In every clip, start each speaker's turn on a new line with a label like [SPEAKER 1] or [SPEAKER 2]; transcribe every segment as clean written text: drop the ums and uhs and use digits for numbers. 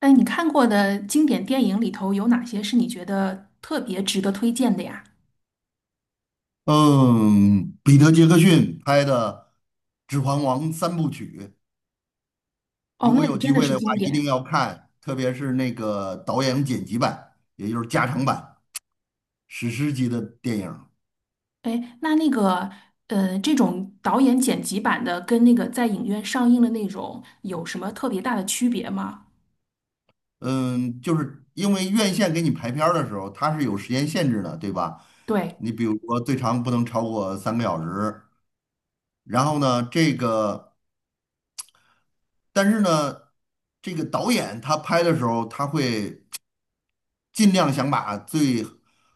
[SPEAKER 1] 哎，你看过的经典电影里头有哪些是你觉得特别值得推荐的呀？
[SPEAKER 2] 嗯，彼得·杰克逊拍的《指环王》三部曲，如
[SPEAKER 1] 哦，
[SPEAKER 2] 果
[SPEAKER 1] 那个
[SPEAKER 2] 有
[SPEAKER 1] 真
[SPEAKER 2] 机
[SPEAKER 1] 的
[SPEAKER 2] 会
[SPEAKER 1] 是
[SPEAKER 2] 的话，
[SPEAKER 1] 经
[SPEAKER 2] 一定
[SPEAKER 1] 典。
[SPEAKER 2] 要看，特别是那个导演剪辑版，也就是加长版，史诗级的电影。
[SPEAKER 1] 哎，那个，这种导演剪辑版的跟那个在影院上映的那种有什么特别大的区别吗？
[SPEAKER 2] 嗯，就是因为院线给你排片儿的时候，它是有时间限制的，对吧？
[SPEAKER 1] 对
[SPEAKER 2] 你比如说最长不能超过3个小时，然后呢，但是呢，这个导演他拍的时候，他会。尽量想把最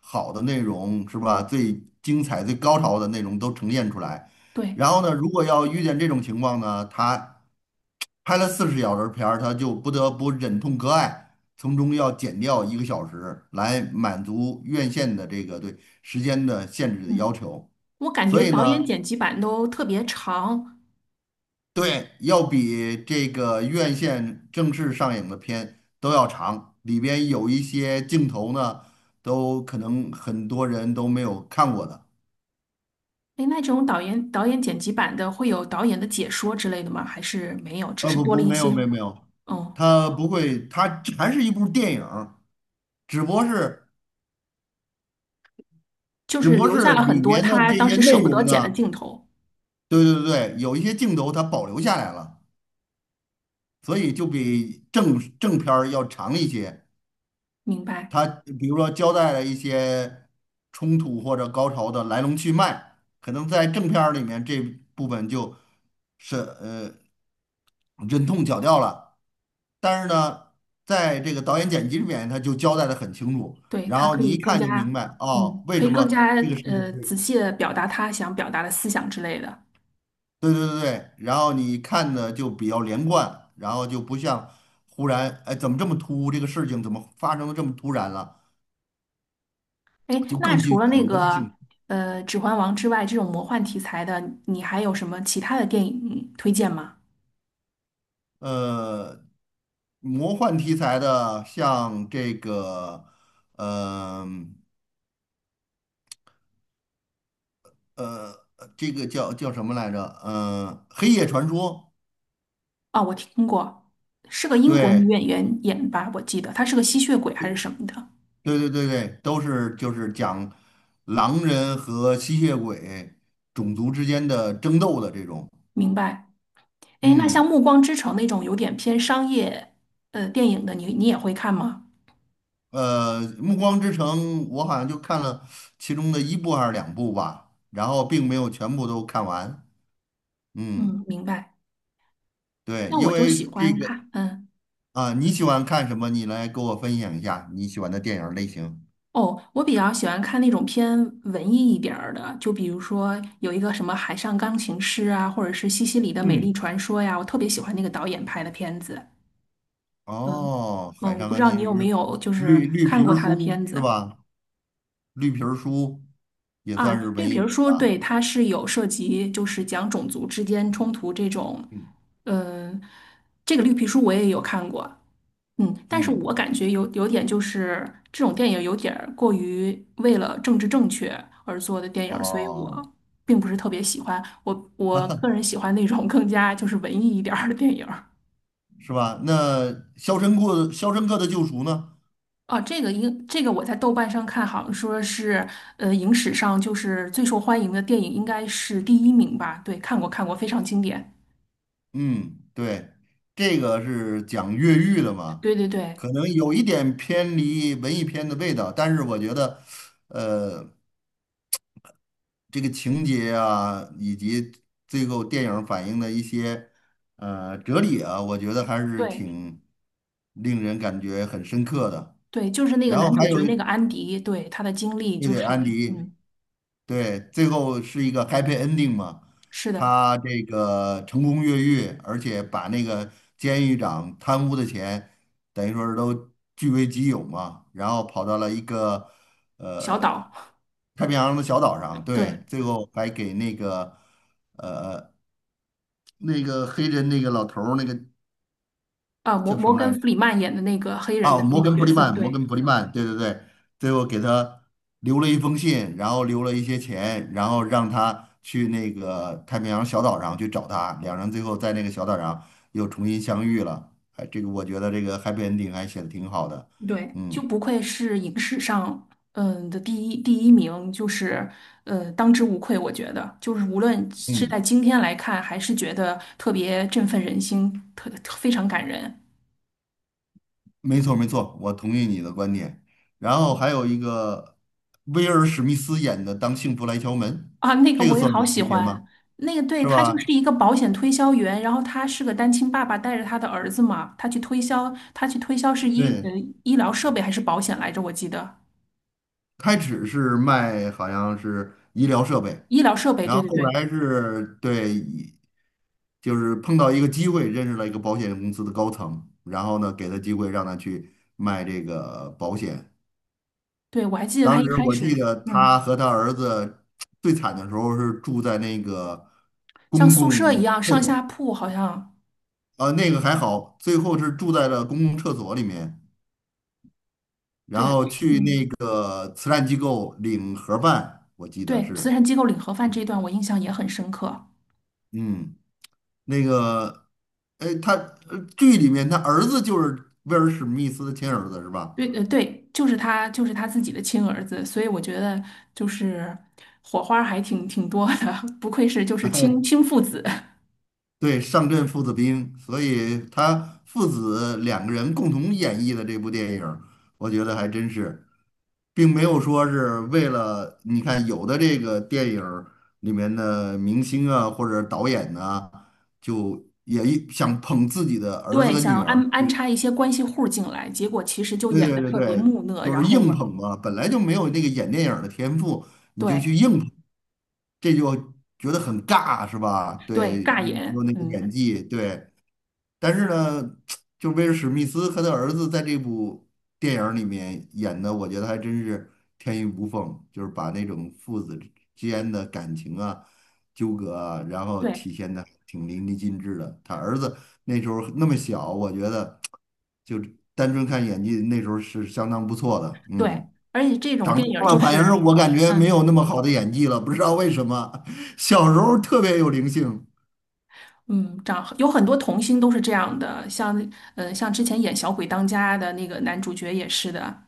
[SPEAKER 2] 好的内容是吧，最精彩、最高潮的内容都呈现出来。
[SPEAKER 1] 对，
[SPEAKER 2] 然后呢，如果要遇见这种情况呢，他拍了40小时片儿，他就不得不忍痛割爱，从中要减掉1个小时来满足院线的这个对时间的限制的要
[SPEAKER 1] 嗯，
[SPEAKER 2] 求。
[SPEAKER 1] 我感
[SPEAKER 2] 所
[SPEAKER 1] 觉
[SPEAKER 2] 以
[SPEAKER 1] 导
[SPEAKER 2] 呢，
[SPEAKER 1] 演剪辑版都特别长。
[SPEAKER 2] 对，要比这个院线正式上映的片都要长，里边有一些镜头呢，都可能很多人都没有看过的。
[SPEAKER 1] 哎，那这种导演剪辑版的会有导演的解说之类的吗？还是没有，只是
[SPEAKER 2] 不
[SPEAKER 1] 多
[SPEAKER 2] 不，
[SPEAKER 1] 了一
[SPEAKER 2] 没
[SPEAKER 1] 些，
[SPEAKER 2] 有没有没有，
[SPEAKER 1] 哦，
[SPEAKER 2] 它不会，它还是一部电影儿只不过是
[SPEAKER 1] 就是留下了很
[SPEAKER 2] 里
[SPEAKER 1] 多
[SPEAKER 2] 面的
[SPEAKER 1] 他
[SPEAKER 2] 这
[SPEAKER 1] 当
[SPEAKER 2] 些
[SPEAKER 1] 时舍
[SPEAKER 2] 内
[SPEAKER 1] 不得
[SPEAKER 2] 容
[SPEAKER 1] 剪的
[SPEAKER 2] 呢，
[SPEAKER 1] 镜头。
[SPEAKER 2] 对对对，有一些镜头它保留下来了，所以就比正片儿要长一些。
[SPEAKER 1] 明白。
[SPEAKER 2] 他比如说交代了一些冲突或者高潮的来龙去脉，可能在正片儿里面这部分就是呃忍痛绞掉了，但是呢，在这个导演剪辑里面他就交代的很清楚，
[SPEAKER 1] 对，
[SPEAKER 2] 然
[SPEAKER 1] 他
[SPEAKER 2] 后
[SPEAKER 1] 可
[SPEAKER 2] 你
[SPEAKER 1] 以
[SPEAKER 2] 一
[SPEAKER 1] 更
[SPEAKER 2] 看就明
[SPEAKER 1] 加，
[SPEAKER 2] 白哦，
[SPEAKER 1] 嗯，
[SPEAKER 2] 为
[SPEAKER 1] 可以
[SPEAKER 2] 什
[SPEAKER 1] 更
[SPEAKER 2] 么
[SPEAKER 1] 加
[SPEAKER 2] 这个事情
[SPEAKER 1] 仔
[SPEAKER 2] 会，
[SPEAKER 1] 细的表达他想表达的思想之类的。
[SPEAKER 2] 对对对对，然后你看的就比较连贯，然后就不像忽然哎怎么这么突兀，这个事情怎么发生的这么突然了，
[SPEAKER 1] 哎，
[SPEAKER 2] 就
[SPEAKER 1] 那
[SPEAKER 2] 更具
[SPEAKER 1] 除了
[SPEAKER 2] 有
[SPEAKER 1] 那
[SPEAKER 2] 逻辑
[SPEAKER 1] 个
[SPEAKER 2] 性。
[SPEAKER 1] 《指环王》之外，这种魔幻题材的，你还有什么其他的电影推荐吗？
[SPEAKER 2] 呃，魔幻题材的，像这个，嗯呃，这个叫什么来着？《黑夜传说》。
[SPEAKER 1] 哦，我听过，是个英国女
[SPEAKER 2] 对。
[SPEAKER 1] 演员演吧，我记得她是个吸血鬼还是什么的。
[SPEAKER 2] 对对对对都是就是讲狼人和吸血鬼种族之间的争斗的这种。
[SPEAKER 1] 明白。哎，那
[SPEAKER 2] 嗯，
[SPEAKER 1] 像《暮光之城》那种有点偏商业电影的，你也会看吗？
[SPEAKER 2] 《暮光之城》我好像就看了其中的一部还是两部吧，然后并没有全部都看完。嗯，
[SPEAKER 1] 嗯，明白。
[SPEAKER 2] 对，
[SPEAKER 1] 那
[SPEAKER 2] 因
[SPEAKER 1] 我就
[SPEAKER 2] 为
[SPEAKER 1] 喜
[SPEAKER 2] 这
[SPEAKER 1] 欢
[SPEAKER 2] 个。
[SPEAKER 1] 看，嗯。
[SPEAKER 2] 啊，你喜欢看什么？你来给我分享一下你喜欢的电影类型。
[SPEAKER 1] 哦，我比较喜欢看那种偏文艺一点儿的，就比如说有一个什么《海上钢琴师》啊，或者是《西西里的美丽
[SPEAKER 2] 嗯，
[SPEAKER 1] 传说》呀，我特别喜欢那个导演拍的片子。嗯
[SPEAKER 2] 哦，
[SPEAKER 1] 嗯，
[SPEAKER 2] 《海
[SPEAKER 1] 我
[SPEAKER 2] 上
[SPEAKER 1] 不知
[SPEAKER 2] 钢
[SPEAKER 1] 道你
[SPEAKER 2] 琴
[SPEAKER 1] 有
[SPEAKER 2] 师》
[SPEAKER 1] 没有就是
[SPEAKER 2] 绿绿
[SPEAKER 1] 看
[SPEAKER 2] 皮
[SPEAKER 1] 过
[SPEAKER 2] 儿
[SPEAKER 1] 他的
[SPEAKER 2] 书
[SPEAKER 1] 片
[SPEAKER 2] 是
[SPEAKER 1] 子
[SPEAKER 2] 吧？绿皮儿书也
[SPEAKER 1] 啊？
[SPEAKER 2] 算是
[SPEAKER 1] 绿
[SPEAKER 2] 文
[SPEAKER 1] 皮
[SPEAKER 2] 艺
[SPEAKER 1] 儿
[SPEAKER 2] 片
[SPEAKER 1] 书》对，
[SPEAKER 2] 吧。
[SPEAKER 1] 他是有涉及就是讲种族之间冲突这种，
[SPEAKER 2] 嗯
[SPEAKER 1] 嗯，这个绿皮书我也有看过。嗯，但是
[SPEAKER 2] 嗯，
[SPEAKER 1] 我感觉有点就是这种电影有点儿过于为了政治正确而做的电影儿，所以
[SPEAKER 2] 哦，
[SPEAKER 1] 我并不是特别喜欢。我个人喜欢那种更加就是文艺一点儿的电影儿。
[SPEAKER 2] 是吧？那《肖申克的救赎》呢？
[SPEAKER 1] 哦，这个应这个我在豆瓣上看，好像说是影史上就是最受欢迎的电影应该是第一名吧？对，看过看过，非常经典。
[SPEAKER 2] 嗯，对，这个是讲越狱的嘛，
[SPEAKER 1] 对对对
[SPEAKER 2] 可能有一点偏离文艺片的味道，但是我觉得，呃。这个情节啊，以及最后电影反映的一些哲理啊，我觉得还是
[SPEAKER 1] 对
[SPEAKER 2] 挺令人感觉很深刻的。
[SPEAKER 1] 对，就是那个
[SPEAKER 2] 然后
[SPEAKER 1] 男主
[SPEAKER 2] 还
[SPEAKER 1] 角
[SPEAKER 2] 有
[SPEAKER 1] 那个
[SPEAKER 2] 一，
[SPEAKER 1] 安迪，对，他的经历
[SPEAKER 2] 对
[SPEAKER 1] 就
[SPEAKER 2] 对，
[SPEAKER 1] 是
[SPEAKER 2] 安迪，
[SPEAKER 1] 嗯，
[SPEAKER 2] 对，最后是一个 happy ending 嘛，
[SPEAKER 1] 是的，
[SPEAKER 2] 他这个成功越狱，而且把那个监狱长贪污的钱，等于说是都据为己有嘛，然后跑到了一个
[SPEAKER 1] 小岛，
[SPEAKER 2] 太平洋的小岛上，对，
[SPEAKER 1] 对。
[SPEAKER 2] 最后还给那个。那个黑人那个老头儿，那个
[SPEAKER 1] 啊，摩
[SPEAKER 2] 叫什
[SPEAKER 1] 摩
[SPEAKER 2] 么
[SPEAKER 1] 根·
[SPEAKER 2] 来着？
[SPEAKER 1] 弗里曼演的那个黑人
[SPEAKER 2] 啊，
[SPEAKER 1] 的那
[SPEAKER 2] 摩
[SPEAKER 1] 个
[SPEAKER 2] 根普
[SPEAKER 1] 角
[SPEAKER 2] 里
[SPEAKER 1] 色，
[SPEAKER 2] 曼，摩
[SPEAKER 1] 对
[SPEAKER 2] 根普里曼，对对对，最后给他留了一封信，然后留了一些钱，然后让他去那个太平洋小岛上去找他，两人最后在那个小岛上又重新相遇了。哎，这个我觉得这个 happy ending 还写的挺好的。
[SPEAKER 1] 对，就
[SPEAKER 2] 嗯
[SPEAKER 1] 不愧是影史上的第一名，就是当之无愧，我觉得就是无论是
[SPEAKER 2] 嗯，
[SPEAKER 1] 在今天来看，还是觉得特别振奋人心，非常感人
[SPEAKER 2] 没错没错，我同意你的观点。然后还有一个威尔史密斯演的《当幸福来敲门》，
[SPEAKER 1] 啊。那个
[SPEAKER 2] 这个
[SPEAKER 1] 我也
[SPEAKER 2] 算
[SPEAKER 1] 好
[SPEAKER 2] 文
[SPEAKER 1] 喜
[SPEAKER 2] 艺片吗？
[SPEAKER 1] 欢，那个对
[SPEAKER 2] 是
[SPEAKER 1] 他就是
[SPEAKER 2] 吧？
[SPEAKER 1] 一个保险推销员，然后他是个单亲爸爸带着他的儿子嘛，他去推销，他去推销是
[SPEAKER 2] 对，
[SPEAKER 1] 医疗设备还是保险来着？我记得
[SPEAKER 2] 开始是卖好像是医疗设备，
[SPEAKER 1] 医疗设备，
[SPEAKER 2] 然
[SPEAKER 1] 对
[SPEAKER 2] 后
[SPEAKER 1] 对
[SPEAKER 2] 后
[SPEAKER 1] 对。
[SPEAKER 2] 来是对，就是碰到一个机会，认识了一个保险公司的高层，然后呢给他机会让他去卖这个保险。
[SPEAKER 1] 对，我还记得他
[SPEAKER 2] 当
[SPEAKER 1] 一
[SPEAKER 2] 时
[SPEAKER 1] 开
[SPEAKER 2] 我记
[SPEAKER 1] 始，
[SPEAKER 2] 得他
[SPEAKER 1] 嗯，
[SPEAKER 2] 和他儿子最惨的时候是住在那个
[SPEAKER 1] 像
[SPEAKER 2] 公
[SPEAKER 1] 宿舍一
[SPEAKER 2] 共
[SPEAKER 1] 样
[SPEAKER 2] 厕
[SPEAKER 1] 上
[SPEAKER 2] 所，
[SPEAKER 1] 下铺，好像，
[SPEAKER 2] 那个还好，最后是住在了公共厕所里面，然
[SPEAKER 1] 对啊
[SPEAKER 2] 后去那个慈善机构领盒饭，我记得
[SPEAKER 1] 对，慈
[SPEAKER 2] 是，
[SPEAKER 1] 善机构领盒饭这一段我印象也很深刻。
[SPEAKER 2] 嗯。那个，哎，他剧里面他儿子就是威尔史密斯的亲儿子是吧？
[SPEAKER 1] 对，对，就是他，就是他自己的亲儿子，所以我觉得就是火花还挺多的，不愧是就是
[SPEAKER 2] 哎，
[SPEAKER 1] 亲父子。
[SPEAKER 2] 对，上阵父子兵，所以他父子两个人共同演绎的这部电影儿我觉得还真是，并没有说是为了你看有的这个电影儿里面的明星啊或者导演呐、就也一想捧自己的 儿子
[SPEAKER 1] 对，
[SPEAKER 2] 跟
[SPEAKER 1] 想要
[SPEAKER 2] 女儿，
[SPEAKER 1] 安插一些关系户进来，结果其实就
[SPEAKER 2] 对
[SPEAKER 1] 演
[SPEAKER 2] 对
[SPEAKER 1] 的
[SPEAKER 2] 对
[SPEAKER 1] 特别
[SPEAKER 2] 对，
[SPEAKER 1] 木讷，
[SPEAKER 2] 就
[SPEAKER 1] 然
[SPEAKER 2] 是
[SPEAKER 1] 后
[SPEAKER 2] 硬
[SPEAKER 1] 嘛，
[SPEAKER 2] 捧嘛，本来就没有那个演电影儿的天赋，你就
[SPEAKER 1] 对
[SPEAKER 2] 去硬捧，这就觉得很尬，是吧？
[SPEAKER 1] 对，
[SPEAKER 2] 对，
[SPEAKER 1] 尬
[SPEAKER 2] 你没有
[SPEAKER 1] 演，
[SPEAKER 2] 那个
[SPEAKER 1] 嗯，
[SPEAKER 2] 演技，对，但是呢，就威尔史密斯和他儿子在这部电影儿里面演的，我觉得还真是天衣无缝，就是把那种父子之间的感情啊、纠葛啊，然后
[SPEAKER 1] 对
[SPEAKER 2] 体现的挺淋漓尽致的。他儿子那时候那么小，我觉得就单纯看演技，那时候是相当不错的。
[SPEAKER 1] 对，
[SPEAKER 2] 嗯，
[SPEAKER 1] 而且这种电影儿
[SPEAKER 2] 看
[SPEAKER 1] 就
[SPEAKER 2] 了反是
[SPEAKER 1] 是，
[SPEAKER 2] 我感觉没
[SPEAKER 1] 嗯。
[SPEAKER 2] 有那么好的演技了，不知道为什么，小时候特别有灵性
[SPEAKER 1] 嗯，长有很多童星都是这样的，像之前演《小鬼当家》的那个男主角也是的，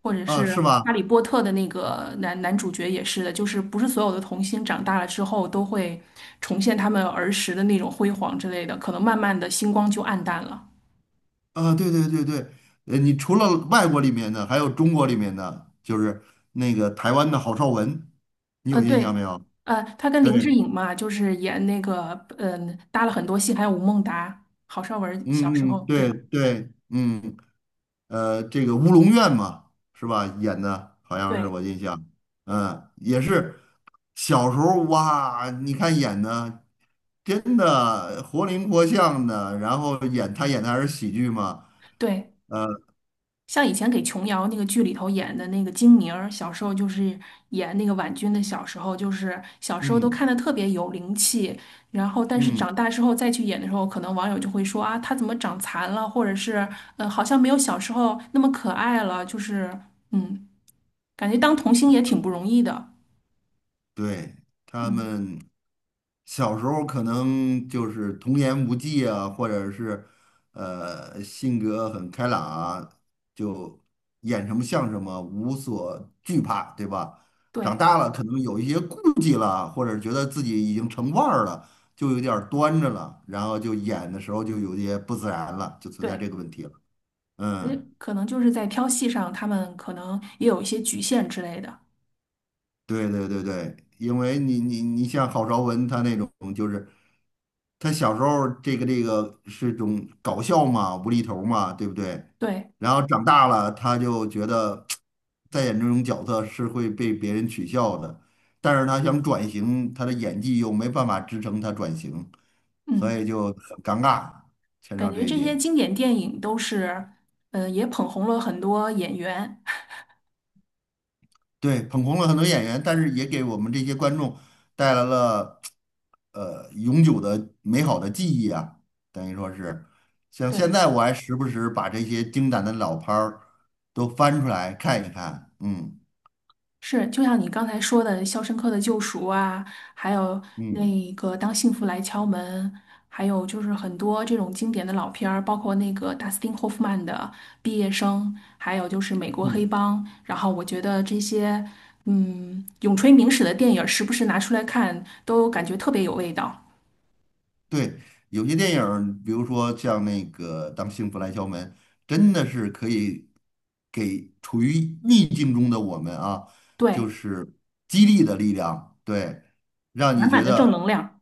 [SPEAKER 1] 或者
[SPEAKER 2] 啊，
[SPEAKER 1] 是
[SPEAKER 2] 是吧？
[SPEAKER 1] 《哈利波特》的那个男主角也是的，就是不是所有的童星长大了之后都会重现他们儿时的那种辉煌之类的，可能慢慢的星光就暗淡了。
[SPEAKER 2] 啊，对对对对，你除了外国里面的，还有中国里面的，就是那个台湾的郝邵文，你有印象
[SPEAKER 1] 对，
[SPEAKER 2] 没有？
[SPEAKER 1] 他跟林志
[SPEAKER 2] 对，
[SPEAKER 1] 颖嘛，就是演那个搭了很多戏，还有吴孟达、郝邵文小时
[SPEAKER 2] 嗯嗯，
[SPEAKER 1] 候，
[SPEAKER 2] 对
[SPEAKER 1] 对
[SPEAKER 2] 对，这个《乌龙院》嘛，是吧？演的好像是
[SPEAKER 1] 对
[SPEAKER 2] 我印象，嗯，也是小时候哇，你看演的真的活灵活现的，然后他演的还是喜剧嘛，
[SPEAKER 1] 对。像以前给琼瑶那个剧里头演的那个金明儿，小时候就是演那个婉君的小时候，就是小时候都
[SPEAKER 2] 嗯
[SPEAKER 1] 看的特别有灵气，然后但是
[SPEAKER 2] 嗯，
[SPEAKER 1] 长大之后再去演的时候，可能网友就会说啊，她怎么长残了，或者是好像没有小时候那么可爱了，就是嗯，感觉当童星也挺不容易的，
[SPEAKER 2] 对他
[SPEAKER 1] 嗯，
[SPEAKER 2] 们。小时候可能就是童言无忌啊，或者是性格很开朗啊，就演什么像什么，无所惧怕，对吧？长
[SPEAKER 1] 对
[SPEAKER 2] 大了可能有一些顾忌了，或者觉得自己已经成腕儿了，就有点儿端着了，然后就演的时候就有些不自然了，就存在
[SPEAKER 1] 对，
[SPEAKER 2] 这个问题了。
[SPEAKER 1] 而且
[SPEAKER 2] 嗯，
[SPEAKER 1] 可能就是在挑戏上，他们可能也有一些局限之类的，
[SPEAKER 2] 对对对对，因为你像郝邵文他那种，就是他小时候这个是种搞笑嘛，无厘头嘛，对不对？
[SPEAKER 1] 对，
[SPEAKER 2] 然后长大了，他就觉得再演这种角色是会被别人取笑的，但是他想转型，他的演技又没办法支撑他转型，所
[SPEAKER 1] 嗯。
[SPEAKER 2] 以就很尴尬，牵扯
[SPEAKER 1] 感
[SPEAKER 2] 到这
[SPEAKER 1] 觉
[SPEAKER 2] 一
[SPEAKER 1] 这些
[SPEAKER 2] 点。
[SPEAKER 1] 经典电影都是，也捧红了很多演员。
[SPEAKER 2] 对，捧红了很多演员，但是也给我们这些观众带来了永久的美好的记忆啊，等于说是，像现
[SPEAKER 1] 对，
[SPEAKER 2] 在我还时不时把这些经典的老片儿都翻出来看一看，嗯
[SPEAKER 1] 是，就像你刚才说的《肖申克的救赎》啊，还有
[SPEAKER 2] 嗯
[SPEAKER 1] 那个《当幸福来敲门》，还有就是很多这种经典的老片儿，包括那个达斯汀·霍夫曼的《毕业生》，还有就是《美国黑
[SPEAKER 2] 嗯。
[SPEAKER 1] 帮》。然后我觉得这些，永垂名史的电影，时不时拿出来看，都感觉特别有味道。
[SPEAKER 2] 对，有些电影儿比如说像那个《当幸福来敲门》，真的是可以给处于逆境中的我们啊，
[SPEAKER 1] 对，
[SPEAKER 2] 就是激励的力量，对，让
[SPEAKER 1] 满
[SPEAKER 2] 你
[SPEAKER 1] 满
[SPEAKER 2] 觉
[SPEAKER 1] 的正
[SPEAKER 2] 得
[SPEAKER 1] 能量。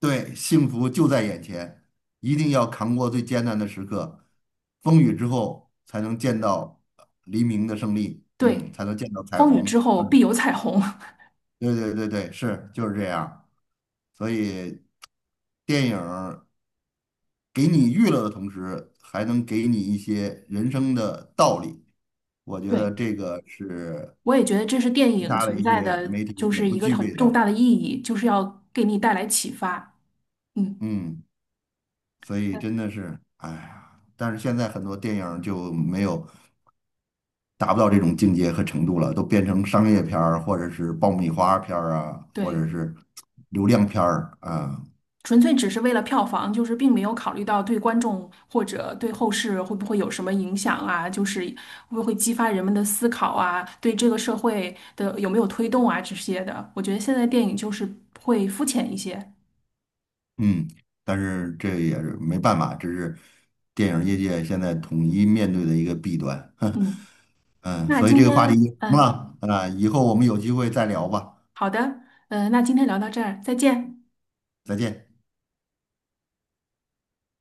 [SPEAKER 2] 对幸福就在眼前，一定要扛过最艰难的时刻，风雨之后才能见到黎明的胜利，嗯，
[SPEAKER 1] 对，
[SPEAKER 2] 才能见到彩
[SPEAKER 1] 风雨之
[SPEAKER 2] 虹。
[SPEAKER 1] 后必
[SPEAKER 2] 嗯，
[SPEAKER 1] 有彩虹。
[SPEAKER 2] 对对对对，是就是这样。所以电影儿给你娱乐的同时，还能给你一些人生的道理。我觉得
[SPEAKER 1] 对，
[SPEAKER 2] 这个是
[SPEAKER 1] 我也觉得这是电
[SPEAKER 2] 其
[SPEAKER 1] 影
[SPEAKER 2] 他的
[SPEAKER 1] 存
[SPEAKER 2] 一
[SPEAKER 1] 在
[SPEAKER 2] 些
[SPEAKER 1] 的，
[SPEAKER 2] 媒体
[SPEAKER 1] 就
[SPEAKER 2] 所
[SPEAKER 1] 是
[SPEAKER 2] 不
[SPEAKER 1] 一个
[SPEAKER 2] 具备
[SPEAKER 1] 很重
[SPEAKER 2] 的。
[SPEAKER 1] 大的意义，就是要给你带来启发。嗯，
[SPEAKER 2] 嗯，所以
[SPEAKER 1] 呃
[SPEAKER 2] 真的是，哎呀，但是现在很多电影儿就没有达不到这种境界和程度了，都变成商业片儿，或者是爆米花片儿啊，或
[SPEAKER 1] 对，
[SPEAKER 2] 者是流量片儿啊。
[SPEAKER 1] 纯粹只是为了票房，就是并没有考虑到对观众或者对后世会不会有什么影响啊，就是会不会激发人们的思考啊，对这个社会的有没有推动啊这些的。我觉得现在电影就是会肤浅一些。
[SPEAKER 2] 嗯，但是这也是没办法，这是电影业界现在统一面对的一个弊端。
[SPEAKER 1] 嗯，
[SPEAKER 2] 嗯，
[SPEAKER 1] 那
[SPEAKER 2] 所以
[SPEAKER 1] 今
[SPEAKER 2] 这个话题
[SPEAKER 1] 天，
[SPEAKER 2] 什么
[SPEAKER 1] 嗯，
[SPEAKER 2] 了？啊，以后我们有机会再聊吧，
[SPEAKER 1] 好的，那今天聊到这儿，再见。
[SPEAKER 2] 再见。